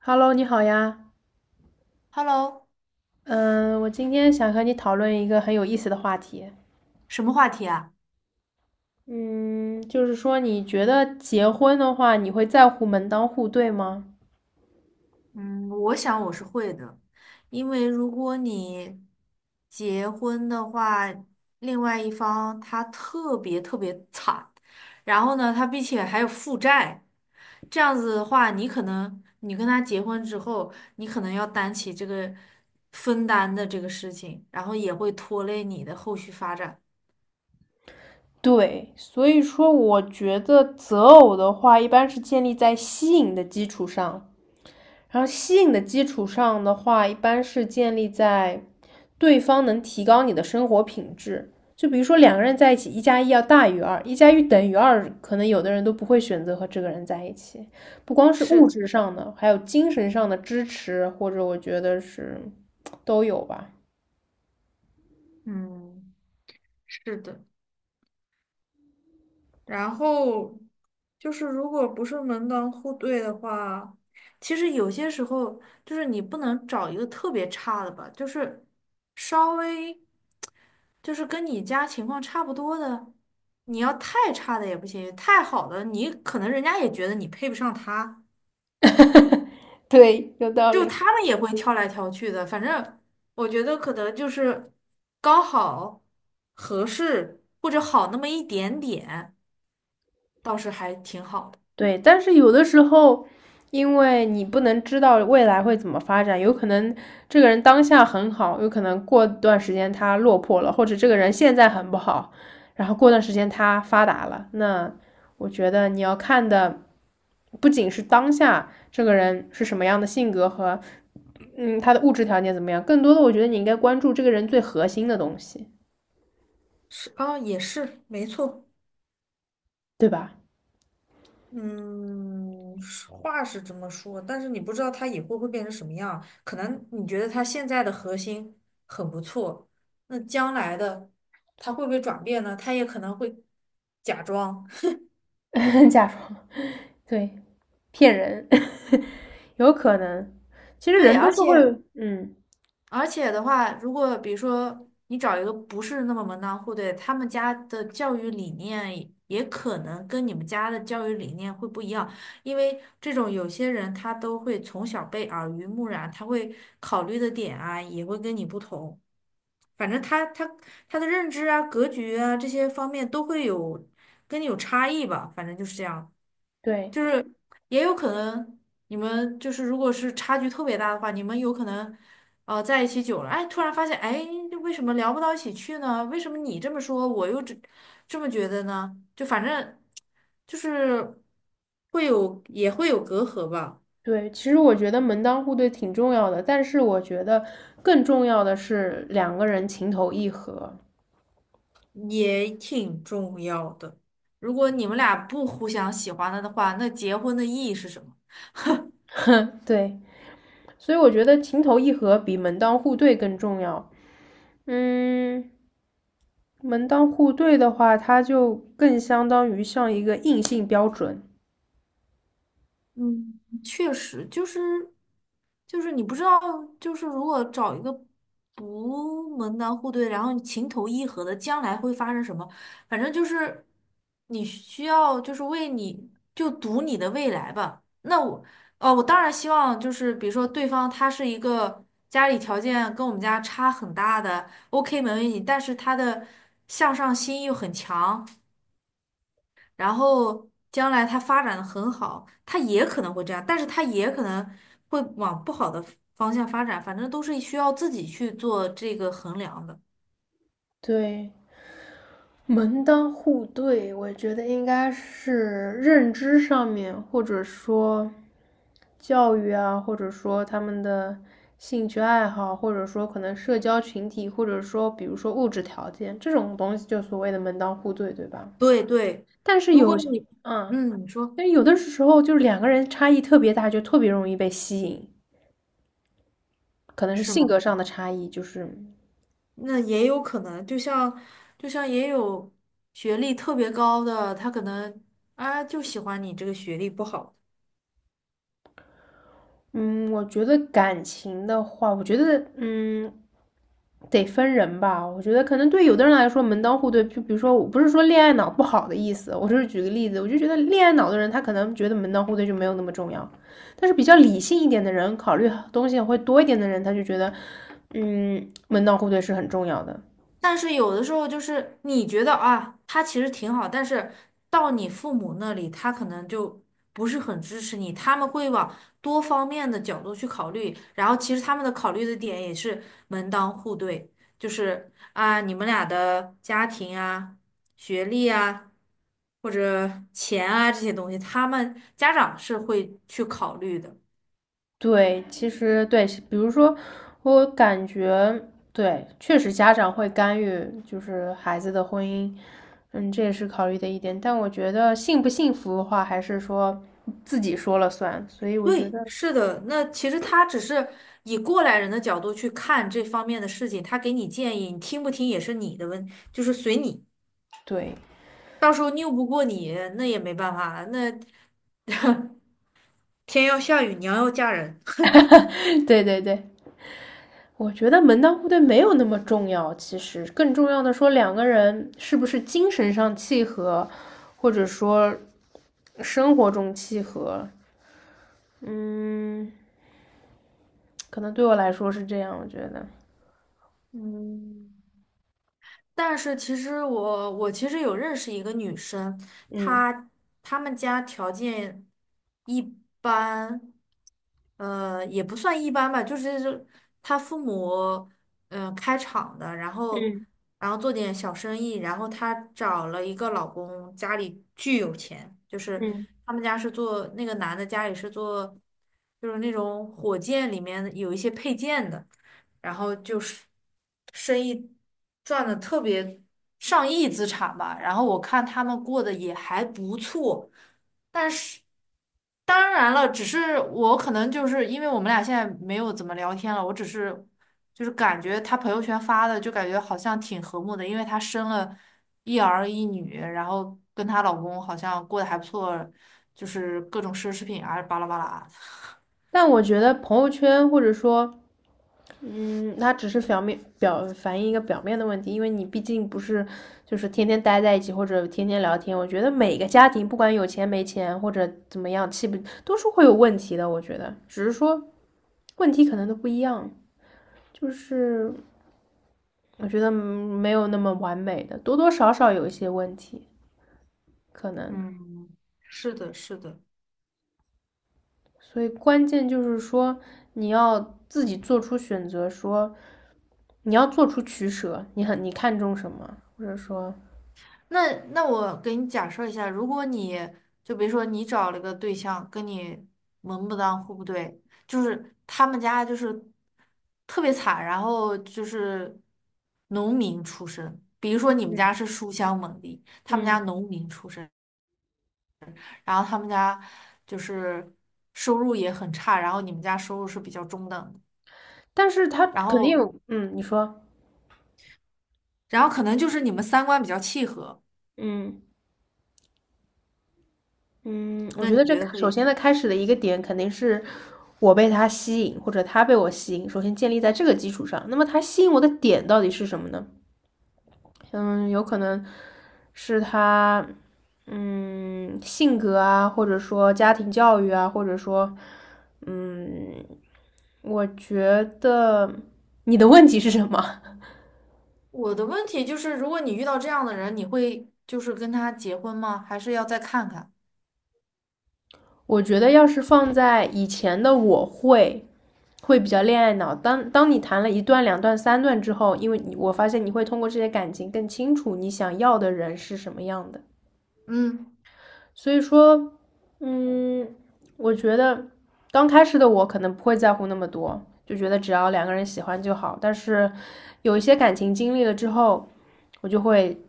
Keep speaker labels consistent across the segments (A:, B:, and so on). A: Hello，你好呀。
B: Hello，
A: 嗯，我今天想和你讨论一个很有意思的话题。
B: 什么话题啊？
A: 嗯，就是说，你觉得结婚的话，你会在乎门当户对吗？
B: 嗯，我想我是会的，因为如果你结婚的话，另外一方他特别特别惨，然后呢，他并且还有负债，这样子的话，你可能你跟他结婚之后，你可能要担起这个分担的这个事情，然后也会拖累你的后续发展。
A: 对，所以说，我觉得择偶的话，一般是建立在吸引的基础上。然后吸引的基础上的话，一般是建立在对方能提高你的生活品质。就比如说两个人在一起，一加一要大于二，一加一等于二，可能有的人都不会选择和这个人在一起。不光是
B: 是
A: 物
B: 的，
A: 质上的，还有精神上的支持，或者我觉得是都有吧。
B: 嗯，是的。然后就是如果不是门当户对的话，其实有些时候就是你不能找一个特别差的吧，就是稍微就是跟你家情况差不多的，你要太差的也不行，太好的你可能人家也觉得你配不上他，
A: 对，有道
B: 就
A: 理。
B: 他们也会挑来挑去的。反正我觉得可能就是刚好合适或者好那么一点点，倒是还挺好的。
A: 对，但是有的时候，因为你不能知道未来会怎么发展，有可能这个人当下很好，有可能过段时间他落魄了，或者这个人现在很不好，然后过段时间他发达了。那我觉得你要看的不仅是当下这个人是什么样的性格和他的物质条件怎么样，更多的我觉得你应该关注这个人最核心的东西，
B: 是啊，也是没错。
A: 对吧？
B: 嗯，是话是这么说，但是你不知道他以后会变成什么样。可能你觉得他现在的核心很不错，那将来的他会不会转变呢？他也可能会假装。
A: 假装对骗人。有可能，其实
B: 对，
A: 人都
B: 而
A: 是会，
B: 且而且的话，如果比如说你找一个不是那么门当户对，他们家的教育理念也可能跟你们家的教育理念会不一样，因为这种有些人他都会从小被耳濡目染，他会考虑的点啊也会跟你不同，反正他的认知啊、格局啊这些方面都会有跟你有差异吧，反正就是这样。
A: 对
B: 就是也有可能你们就是如果是差距特别大的话，你们有可能在一起久了，哎，突然发现，哎，为什么聊不到一起去呢？为什么你这么说，我又这么觉得呢？就反正就是会有也会有隔阂吧，
A: 对，其实我觉得门当户对挺重要的，但是我觉得更重要的是两个人情投意合，
B: 也挺重要的。如果你们俩不互相喜欢了的话，那结婚的意义是什么？
A: 哼，对，所以我觉得情投意合比门当户对更重要。嗯，门当户对的话，它就更相当于像一个硬性标准。
B: 嗯，确实就是就是你不知道，就是如果找一个不门当户对，然后你情投意合的，将来会发生什么？反正就是你需要就是为你就赌你的未来吧。那我哦，我当然希望就是比如说对方他是一个家里条件跟我们家差很大的，OK 没问题，但是他的向上心又很强。然后将来它发展的很好，它也可能会这样，但是它也可能会往不好的方向发展，反正都是需要自己去做这个衡量的。
A: 对，门当户对，我觉得应该是认知上面，或者说教育啊，或者说他们的兴趣爱好，或者说可能社交群体，或者说比如说物质条件这种东西，就所谓的门当户对，对吧？
B: 对对，
A: 但是
B: 如果
A: 有些，
B: 你，
A: 嗯，
B: 嗯，你说
A: 但是有的时候就是两个人差异特别大，就特别容易被吸引，可能是
B: 是
A: 性
B: 吗？
A: 格上的差异，就是，
B: 那也有可能，就像就像也有学历特别高的，他可能啊就喜欢你这个学历不好。
A: 嗯，我觉得感情的话，我觉得，得分人吧，我觉得可能对有的人来说门当户对，就比如说我不是说恋爱脑不好的意思，我就是举个例子，我就觉得恋爱脑的人他可能觉得门当户对就没有那么重要，但是比较理性一点的人，考虑东西会多一点的人，他就觉得，门当户对是很重要的。
B: 但是有的时候就是你觉得啊，他其实挺好，但是到你父母那里，他可能就不是很支持你，他们会往多方面的角度去考虑，然后其实他们的考虑的点也是门当户对，就是啊，你们俩的家庭啊、学历啊，或者钱啊这些东西，他们家长是会去考虑的。
A: 对，其实对，比如说，我感觉对，确实家长会干预，就是孩子的婚姻，这也是考虑的一点。但我觉得幸不幸福的话，还是说自己说了算。所以我觉
B: 对，
A: 得，
B: 是的，那其实他只是以过来人的角度去看这方面的事情，他给你建议，你听不听也是你的问，就是随你。
A: 对，
B: 到时候拗不过你，那也没办法了那天要下雨，娘要嫁人。
A: 对对对，我觉得门当户对没有那么重要。其实更重要的说，两个人是不是精神上契合，或者说生活中契合，嗯，可能对我来说是这样，我觉得，
B: 嗯。但是其实我其实有认识一个女生，
A: 嗯。
B: 她她们家条件一般，呃，也不算一般吧，就是她父母开厂的，然后
A: 嗯
B: 然后做点小生意，然后她找了一个老公，家里巨有钱，就是
A: 嗯
B: 他们家是做那个男的家里是做就是那种火箭里面有一些配件的。然后就是生意赚的特别上亿资产吧。然后我看他们过得也还不错。当然了，只是我可能就是因为我们俩现在没有怎么聊天了，我只是就是感觉他朋友圈发的，就感觉好像挺和睦的，因为她生了一儿一女，然后跟她老公好像过得还不错，就是各种奢侈品啊，巴拉巴拉。
A: 但我觉得朋友圈或者说，它只是表面表反映一个表面的问题，因为你毕竟不是就是天天待在一起或者天天聊天。我觉得每个家庭不管有钱没钱或者怎么样，气不都是会有问题的。我觉得只是说问题可能都不一样，就是我觉得没有那么完美的，多多少少有一些问题可能。
B: 嗯，是的，是的。
A: 所以关键就是说，你要自己做出选择，说你要做出取舍，你看重什么，或者说，
B: 那我给你假设一下，如果你就比如说你找了个对象，跟你门不当户不对，就是他们家就是特别惨，然后就是农民出身，比如说你们家
A: 嗯
B: 是书香门第，他们家
A: 嗯
B: 农民出身，然后他们家就是收入也很差，然后你们家收入是比较中等的，
A: 但是他
B: 然
A: 肯定
B: 后
A: 有，你说，
B: 然后可能就是你们三观比较契合，
A: 嗯嗯，我
B: 那
A: 觉
B: 你
A: 得这
B: 觉得
A: 首
B: 会？
A: 先的开始的一个点肯定是我被他吸引，或者他被我吸引，首先建立在这个基础上。那么他吸引我的点到底是什么呢？嗯，有可能是他，性格啊，或者说家庭教育啊，或者说，嗯，我觉得你的问题是什么？
B: 我的问题就是，如果你遇到这样的人，你会就是跟他结婚吗？还是要再看看？
A: 我觉得要是放在以前的我会，比较恋爱脑。当你谈了一段、两段、三段之后，因为你我发现你会通过这些感情更清楚你想要的人是什么样的。
B: 嗯，
A: 所以说，嗯，我觉得刚开始的我可能不会在乎那么多，就觉得只要两个人喜欢就好。但是有一些感情经历了之后，我就会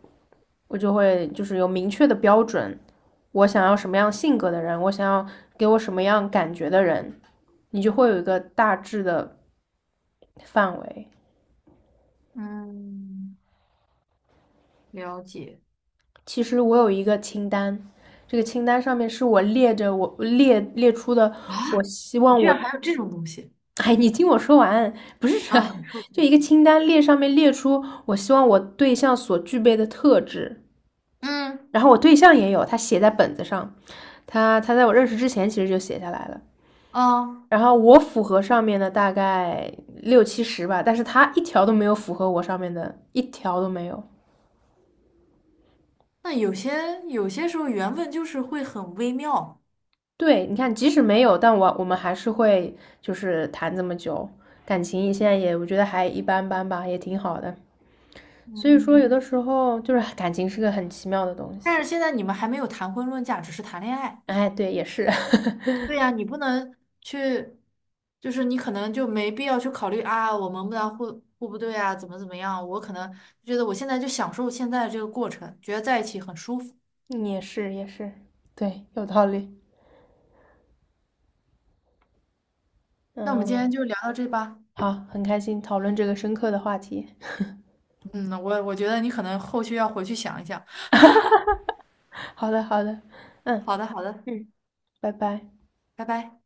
A: 我就会就是有明确的标准，我想要什么样性格的人，我想要给我什么样感觉的人，你就会有一个大致的范围。
B: 嗯，了解。
A: 其实我有一个清单，这个清单上面是我列出的，我希望
B: 居然
A: 我，
B: 还有这种东西
A: 哎，你听我说完，不是这，
B: 啊！你 说，
A: 就一个清单列上面列出我希望我对象所具备的特质，
B: 嗯，
A: 然后我对象也有，他写在本子上，他在我认识之前其实就写下来了。
B: 啊，
A: 然后我符合上面的大概60%~70%吧，但是他一条都没有符合我上面的，一条都没有。
B: 那有些时候缘分就是会很微妙。
A: 对，你看，即使没有，但我们还是会就是谈这么久，感情现在也我觉得还一般般吧，也挺好的。所以说，
B: 嗯，
A: 有的时候就是感情是个很奇妙的东
B: 但
A: 西。
B: 是现在你们还没有谈婚论嫁，只是谈恋爱。
A: 哎，对，也是，
B: 对呀，你不能去，就是你可能就没必要去考虑啊，我们不当互不对啊，怎么样？我可能觉得我现在就享受现在这个过程，觉得在一起很舒服。
A: 也是，也是，对，有道理。
B: 那我们今天
A: 嗯，
B: 就聊到这吧。
A: 好，很开心讨论这个深刻的话题。
B: 嗯，我觉得你可能后续要回去想一想。
A: 好的，好的，嗯
B: 好的，好的，
A: 嗯，拜拜。
B: 拜拜。